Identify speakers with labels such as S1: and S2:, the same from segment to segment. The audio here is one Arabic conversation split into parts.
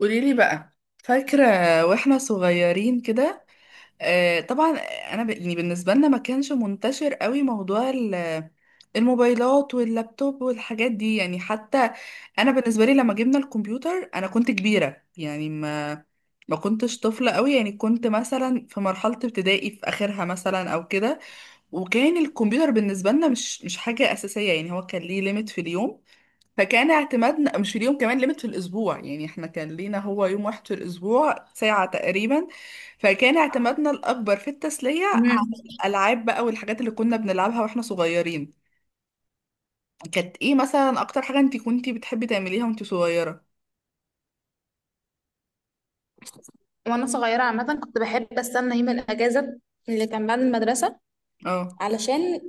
S1: قوليلي بقى، فاكرة واحنا صغيرين كده؟ آه طبعا. انا يعني بالنسبة لنا ما كانش منتشر قوي موضوع الموبايلات واللابتوب والحاجات دي. يعني حتى انا بالنسبة لي لما جبنا الكمبيوتر انا كنت كبيرة، يعني ما كنتش طفلة قوي، يعني كنت مثلا في مرحلة ابتدائي في اخرها مثلا او كده. وكان الكمبيوتر بالنسبة لنا مش حاجة اساسية، يعني هو كان ليه ليميت في اليوم. فكان اعتمادنا مش اليوم، كمان ليميت في الاسبوع، يعني احنا كان لينا هو يوم واحد في الاسبوع ساعة تقريبا. فكان اعتمادنا الاكبر في التسلية
S2: مم.
S1: على الالعاب بقى والحاجات اللي كنا بنلعبها واحنا صغيرين. كانت ايه مثلا اكتر حاجة انت كنتي بتحبي تعمليها وانت صغيرة؟
S2: وانا صغيره عامه كنت بحب استنى يوم الاجازه اللي كان بعد المدرسه،
S1: اه.
S2: علشان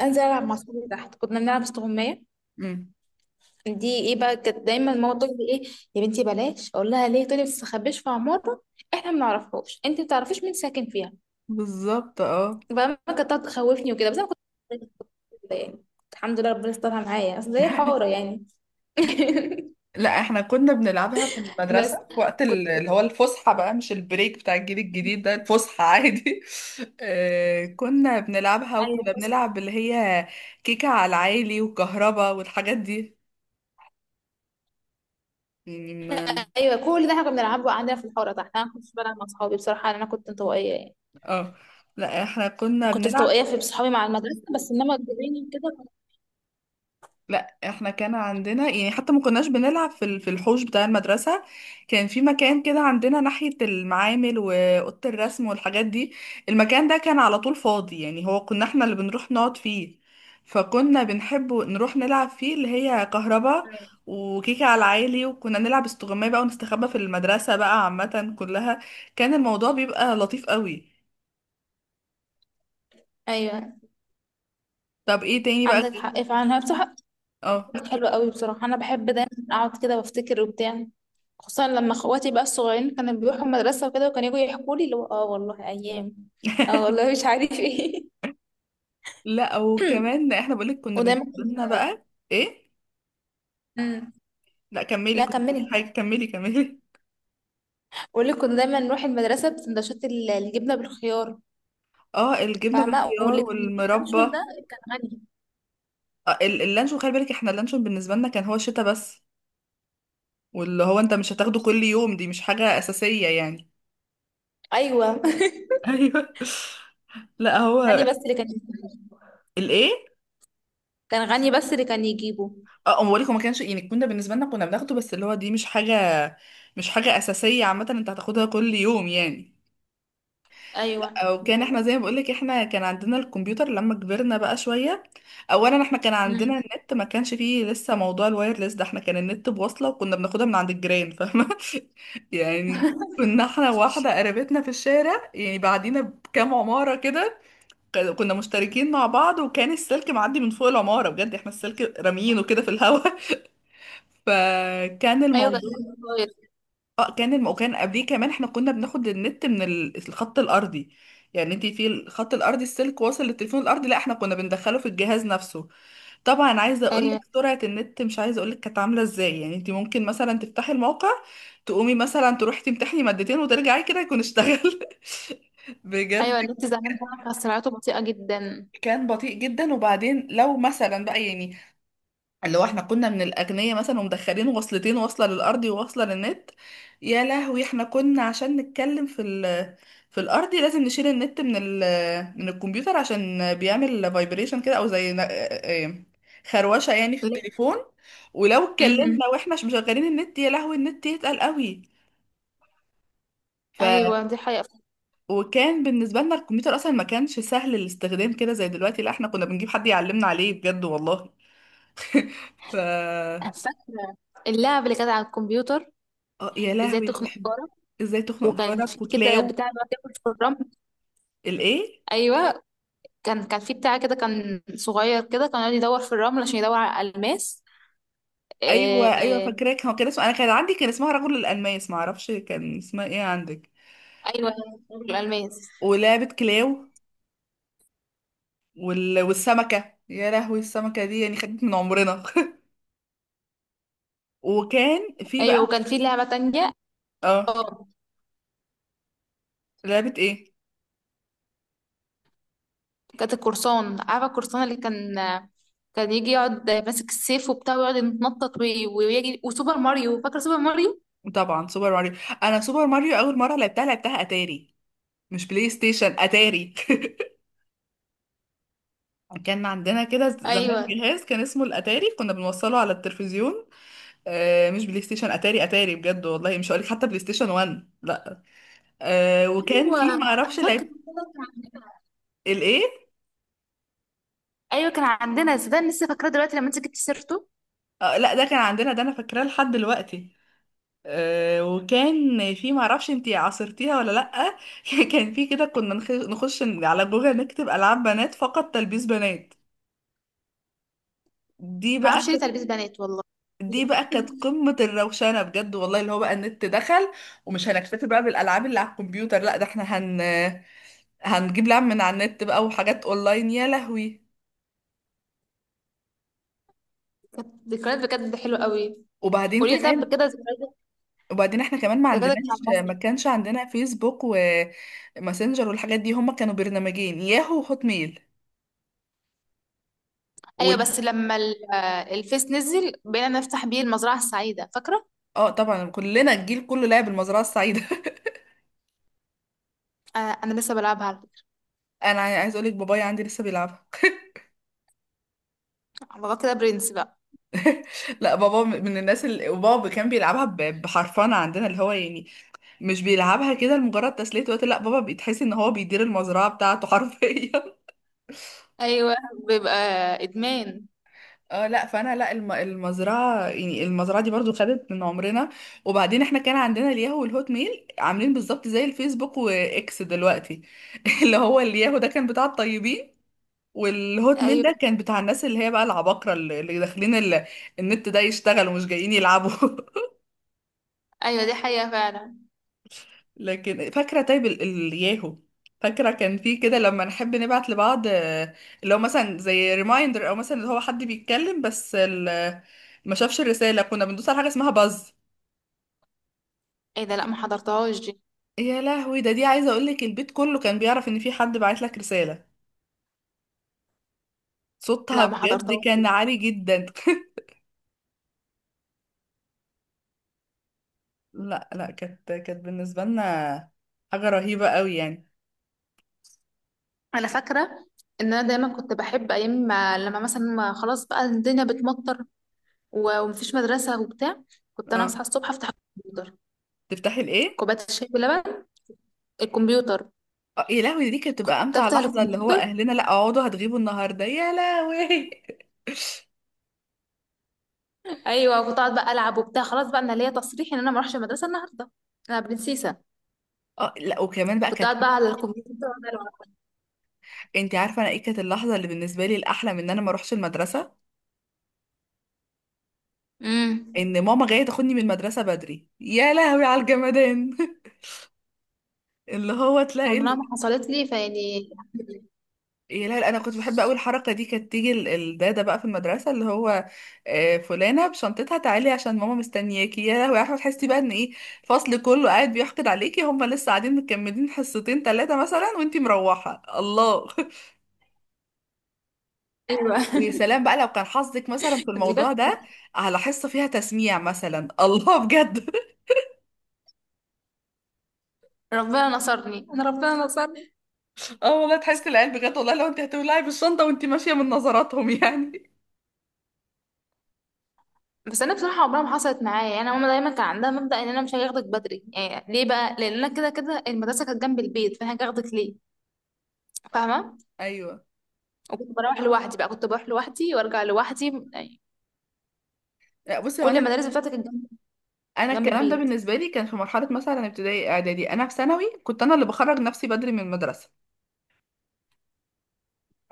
S2: انزل العب مع صحابي تحت. كنا بنلعب استغمايه.
S1: امم.
S2: دي ايه بقى، كانت دايما ماما تقول لي ايه، يا بنتي بلاش، اقول لها ليه، تقولي ما تستخبيش في عماره، احنا ما نعرفهاش، انت ما تعرفيش مين ساكن فيها.
S1: بالظبط اه.
S2: بقى ماما كانت تقعد تخوفني وكده، بس انا كنت كده يعني. الحمد لله ربنا استرها معايا، اصل هي حاره يعني.
S1: لا احنا كنا بنلعبها في
S2: بس
S1: المدرسة في وقت
S2: كنت
S1: اللي هو الفسحة بقى، مش البريك بتاع الجيل الجديد ده، الفسحة عادي. كنا بنلعبها
S2: ايوه
S1: وكنا
S2: بس-
S1: بنلعب اللي هي كيكة على العالي وكهربا والحاجات دي. يعني ما-
S2: ايوه كل ده احنا كنا بنلعبه عندنا في الحاره تحت. انا ما كنتش بلعب مع اصحابي بصراحه، انا كنت انطوائيه يعني.
S1: اه. لا احنا كنا
S2: كنت
S1: بنلعب.
S2: مستوائية في صحابي مع المدرسة بس، انما الجيران كده.
S1: لا احنا كان عندنا، يعني حتى ما كناش بنلعب في في الحوش بتاع المدرسة. كان في مكان كده عندنا ناحية المعامل وأوضة الرسم والحاجات دي. المكان ده كان على طول فاضي، يعني هو كنا احنا اللي بنروح نقعد فيه. فكنا بنحب نروح نلعب فيه اللي هي كهربا وكيكة على العالي، وكنا نلعب استغماية بقى ونستخبى في المدرسة بقى عامة كلها. كان الموضوع بيبقى لطيف قوي.
S2: ايوه
S1: طب ايه تاني بقى
S2: عندك حق فعلا، هي بصراحة
S1: اه.
S2: كانت حلوة قوي. بصراحة انا بحب دايما اقعد كده وافتكر وبتاع، خصوصا لما اخواتي بقى الصغيرين كانوا بيروحوا المدرسة وكده، وكانوا يجوا يحكوا لي اللي هو اه والله ايام، اه والله مش عارف ايه.
S1: لا وكمان احنا بقولك كنا
S2: ودايما
S1: بالنسبه لنا بقى. ايه.
S2: مم.
S1: لا كملي،
S2: لا
S1: كنت بتقولي
S2: كملي.
S1: حاجه، كملي.
S2: بقول لك كنا دايما نروح المدرسة بسندوتشات الجبنة بالخيار،
S1: اه الجبنه
S2: فاهمة.
S1: بالخيار
S2: واللي كان يجيب
S1: والمربى
S2: لانشون ده
S1: آه.
S2: كان غني.
S1: اللانشون خلي بالك، احنا اللانشون بالنسبه لنا كان هو الشتا بس. واللي هو انت مش هتاخده كل يوم، دي مش حاجه اساسيه يعني.
S2: ايوه.
S1: ايوه. لا هو.
S2: غني بس اللي كان يجيبه.
S1: الايه؟
S2: كان غني بس اللي كان يجيبه.
S1: اه أما بقولك هو ما كانش، يعني كنا بالنسبه لنا كنا بناخده بس، اللي هو دي مش حاجه اساسيه عامه انت هتاخدها كل يوم يعني.
S2: ايوه
S1: او
S2: دي
S1: كان احنا
S2: حقيقة.
S1: زي ما بقولك، احنا كان عندنا الكمبيوتر لما كبرنا بقى شوية. اولا احنا كان عندنا
S2: مم.
S1: النت، ما كانش فيه لسه موضوع الوايرلس ده، احنا كان النت بوصلة وكنا بناخدها من عند الجيران، فاهمة؟ يعني كنا احنا واحدة قريبتنا في الشارع يعني بعدينا بكام عمارة كده. كنا مشتركين مع بعض، وكان السلك معدي من فوق العمارة، بجد احنا السلك راميينه كده في الهوا. فكان
S2: ايوه بس،
S1: الموضوع
S2: كويس.
S1: اه. وكان قبليه كمان احنا كنا بناخد النت من الخط الارضي. يعني انت في الخط الارضي السلك واصل للتليفون الارضي، لا احنا كنا بندخله في الجهاز نفسه. طبعا عايزه اقول لك
S2: ايوه
S1: سرعه النت، مش عايزه اقول لك كانت عامله ازاي، يعني انت ممكن مثلا تفتحي الموقع تقومي مثلا تروحي تمتحني مادتين وترجعي كده يكون اشتغل. بجد.
S2: ايوه، النت زمان بقى كان سرعته بطيئة جدا.
S1: كان بطيء جدا. وبعدين لو مثلا بقى يعني اللي هو احنا كنا من الأغنياء مثلا ومدخلين وصلتين، واصلة للأرضي وواصلة للنت، يا لهوي احنا كنا عشان نتكلم في ال في الأرضي لازم نشيل النت من ال من الكمبيوتر عشان بيعمل فايبريشن كده، أو زي خروشة يعني في
S2: ليه؟
S1: التليفون. ولو
S2: مم.
S1: اتكلمنا واحنا مش مشغلين النت يا لهوي النت يتقل قوي. ف.
S2: ايوه دي حقيقة.
S1: وكان بالنسبة لنا الكمبيوتر أصلا ما كانش سهل الاستخدام كده زي دلوقتي، لا احنا كنا بنجيب حد يعلمنا عليه بجد والله. ف.
S2: أنا فاكرة اللعبة اللي كانت على الكمبيوتر،
S1: اه يا
S2: ازاي
S1: لهوي ده
S2: تخنق
S1: بحب.
S2: جارك.
S1: ازاي تخنق
S2: وكان في
S1: جارك
S2: كده
S1: وكلاو.
S2: بتاع بقى ياكل في الرمل.
S1: الايه؟
S2: ايوه كان في بتاع كده، كان صغير كده، كان يقعد يدور في الرمل عشان يدور على الالماس.
S1: ايوه ايوه
S2: إيه.
S1: فاكراك، هو كان اسمه، انا كان عندي كان اسمها رجل الالماس، ما اعرفش كان اسمها ايه عندك.
S2: ايوه الالماس.
S1: ولعبه كلاو. والسمكه، يا لهوي السمكه دي يعني خدت من عمرنا. وكان في
S2: ايوه
S1: بقى.
S2: وكان في لعبة تانية.
S1: اه.
S2: اه
S1: لعبه ايه؟
S2: كانت القرصان، عارفة القرصان اللي كان، كان يجي يقعد ماسك السيف وبتاع ويقعد يتنطط ويجري. وسوبر ماريو، فاكرة سوبر ماريو.
S1: طبعا سوبر ماريو. انا سوبر ماريو اول مره لعبتها لعبتها اتاري، مش بلاي ستيشن اتاري. كان عندنا كده زمان
S2: ايوه
S1: جهاز كان اسمه الاتاري، كنا بنوصله على التلفزيون. آه مش بلاي ستيشن اتاري، اتاري بجد والله، مش هقولك حتى بلاي ستيشن 1، لا. آه وكان
S2: ايوه
S1: في ما
S2: انا
S1: اعرفش
S2: فاكرة
S1: لعب.
S2: والله كان عندنا.
S1: الايه؟
S2: ايوه كان عندنا صدق، أنا لسه فاكراه دلوقتي لما انت جبت سيرته.
S1: آه لا ده كان عندنا، ده انا فاكراه لحد دلوقتي. آه وكان في ما اعرفش انتي عاصرتيها ولا لا. كان في كده كنا نخش على جوجل نكتب العاب بنات فقط تلبيس بنات. دي
S2: ما
S1: بقى
S2: اعرفش ليه
S1: كانت.
S2: تلبيس بنات والله.
S1: دي بقى كانت قمة الروشنة بجد والله، اللي هو بقى النت دخل ومش هنكتفي بقى بالألعاب اللي على الكمبيوتر، لا ده احنا هنجيب لعب من على النت بقى وحاجات اونلاين يا لهوي.
S2: كانت ذكريات بجد حلوه قوي.
S1: وبعدين
S2: قولي لي، طب
S1: كمان.
S2: كده ذكرياتك،
S1: وبعدين احنا كمان ما
S2: ذكرياتك مع
S1: عندناش، ما
S2: المصري.
S1: كانش عندنا فيسبوك وماسنجر والحاجات دي، هما كانوا برنامجين ياهو وهوت ميل.
S2: ايوه
S1: وال...
S2: بس لما الفيس نزل بقينا نفتح بيه المزرعه السعيده، فاكره.
S1: اه طبعا كلنا الجيل كله لعب المزرعة السعيدة.
S2: انا لسه بلعبها على فكرة.
S1: انا عايز اقول لك بابايا عندي لسه بيلعبها.
S2: على الله كده برنس بقى.
S1: لا بابا من الناس اللي بابا كان بيلعبها بحرفنة عندنا، اللي هو يعني مش بيلعبها كده لمجرد تسلية وقت، لا بابا بيتحس ان هو بيدير المزرعة بتاعته حرفيا.
S2: ايوه بيبقى ادمان.
S1: اه لا فانا لا المزرعه، يعني المزرعه دي برضو خدت من عمرنا. وبعدين احنا كان عندنا الياهو والهوت ميل عاملين بالظبط زي الفيسبوك واكس دلوقتي. اللي هو الياهو ده كان بتاع الطيبين، والهوت ميل
S2: ايوه
S1: ده كان بتاع الناس اللي هي بقى العباقرة اللي داخلين النت ده يشتغلوا مش جايين يلعبوا.
S2: ايوه دي حقيقه فعلا.
S1: لكن فاكرة طيب الياهو. فاكرة كان في كده لما نحب نبعت لبعض، اللي هو مثلا زي ريمايندر او مثلا اللي هو حد بيتكلم بس ما شافش الرسالة، كنا بندوس على حاجة اسمها باز.
S2: ايه ده، لا ما حضرتهاش دي.
S1: يا لهوي ده، دي عايزة اقولك البيت كله كان بيعرف ان في حد بعت لك رسالة، صوتها
S2: لا ما
S1: بجد
S2: حضرتهاش.
S1: كان عالي جدا. لا لا، كانت كانت بالنسبة لنا حاجة رهيبة قوي يعني.
S2: انا فاكره ان انا دايما كنت بحب ايام ما لما مثلا، ما خلاص بقى الدنيا بتمطر ومفيش مدرسه وبتاع. كنت انا
S1: اه.
S2: اصحى الصبح افتح الكمبيوتر،
S1: تفتحي الايه؟
S2: كوبايه الشاي بلبن، الكمبيوتر،
S1: يا لهوي دي كانت
S2: كنت
S1: بتبقى امتع
S2: افتح
S1: لحظه، اللي هو
S2: الكمبيوتر.
S1: اهلنا لا اقعدوا هتغيبوا النهارده يا لهوي.
S2: ايوه كنت اقعد بقى العب وبتاع، خلاص بقى انا ليا تصريح ان انا ما اروحش المدرسه النهارده، انا برنسيسه.
S1: اه لا وكمان بقى
S2: كنت
S1: كانت.
S2: قاعد بقى على الكمبيوتر وأقعد ألعب.
S1: انت عارفه انا ايه كانت اللحظه اللي بالنسبه لي الاحلى من ان انا ما اروحش المدرسه؟
S2: امم،
S1: ان ماما جايه تاخدني من المدرسه بدري يا لهوي على الجمدان. اللي هو
S2: عمرها
S1: تلاقي
S2: ما حصلت لي فيعني.
S1: يا لا لا، انا كنت بحب قوي الحركه دي، كانت تيجي الداده بقى في المدرسه اللي هو فلانه بشنطتها تعالي عشان ماما مستنياكي، يا لهوي يا احمد، تحسي بقى ان ايه الفصل كله قاعد بيحقد عليكي، هم لسه قاعدين مكملين حصتين ثلاثه مثلا وانتي مروحه، الله.
S2: ايوه
S1: ويا سلام بقى لو كان حظك مثلا في
S2: بجد.
S1: الموضوع ده على حصه فيها تسميع مثلا، الله بجد.
S2: ربنا نصرني انا، ربنا نصرني.
S1: اه والله تحسي العيال، بجد والله لو انت هتولعي بالشنطه وانتي ماشيه من نظراتهم يعني.
S2: بس انا بصراحه عمرها ما حصلت معايا يعني، ماما دايما كان عندها مبدا ان انا مش هاخدك بدري، يعني ليه بقى، لان انا كده كده المدرسه كانت جنب البيت فانا هاخدك ليه. فاهمه.
S1: ايوه.
S2: وكنت بروح لوحدي بقى، كنت بروح لوحدي وارجع لوحدي يعني.
S1: لا بصي هو
S2: كل
S1: انا
S2: المدارس بتاعتي كانت جنب
S1: انا
S2: جنب
S1: الكلام ده
S2: البيت.
S1: بالنسبه لي كان في مرحله مثلا ابتدائي اعدادي، انا في ثانوي كنت انا اللي بخرج نفسي بدري من المدرسه،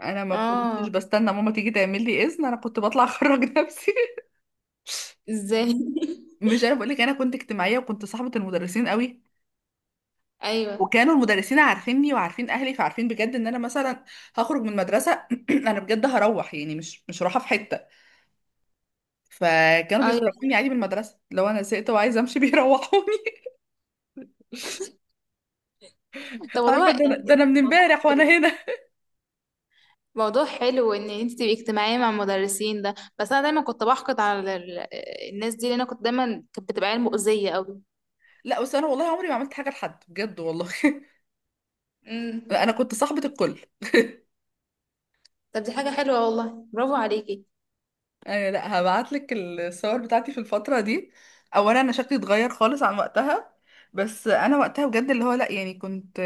S1: انا ما كنتش
S2: اه.
S1: بستنى ماما تيجي تعمل لي اذن، انا كنت بطلع اخرج نفسي.
S2: ازاي؟
S1: مش انا بقول لك انا كنت اجتماعيه وكنت صاحبه المدرسين قوي،
S2: ايوه
S1: وكانوا المدرسين عارفيني وعارفين اهلي، فعارفين بجد ان انا مثلا هخرج من المدرسه انا بجد هروح يعني مش رايحه في حته، فكانوا
S2: ايوه.
S1: بيخرجوني عادي من المدرسه لو انا زهقت وعايزه امشي بيروحوني.
S2: طب والله
S1: عارفه ده، انا ده
S2: يعني
S1: انا من
S2: الموضوع
S1: امبارح وانا
S2: حلو،
S1: هنا.
S2: موضوع حلو ان انت تبقي اجتماعيه مع المدرسين ده. بس انا دايما كنت بحقد على الناس دي، لان انا كنت دايما كانت بتبقى عيال مؤذيه قوي.
S1: لا بس انا والله عمري ما عملت حاجه لحد بجد والله،
S2: امم.
S1: انا كنت صاحبة الكل
S2: طب دي حاجه حلوه والله، برافو عليكي.
S1: يعني. لا هبعت لك الصور بتاعتي في الفترة دي، اولا انا شكلي اتغير خالص عن وقتها، بس انا وقتها بجد اللي هو لا يعني كنت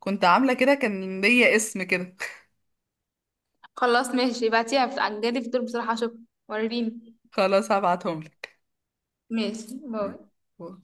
S1: كنت عاملة كده، كان ليا اسم كده.
S2: خلاص ماشي، ابعتيها عجلي في دول بصراحه، اشوف، وريني.
S1: خلاص هبعتهم
S2: ماشي، باي.
S1: لك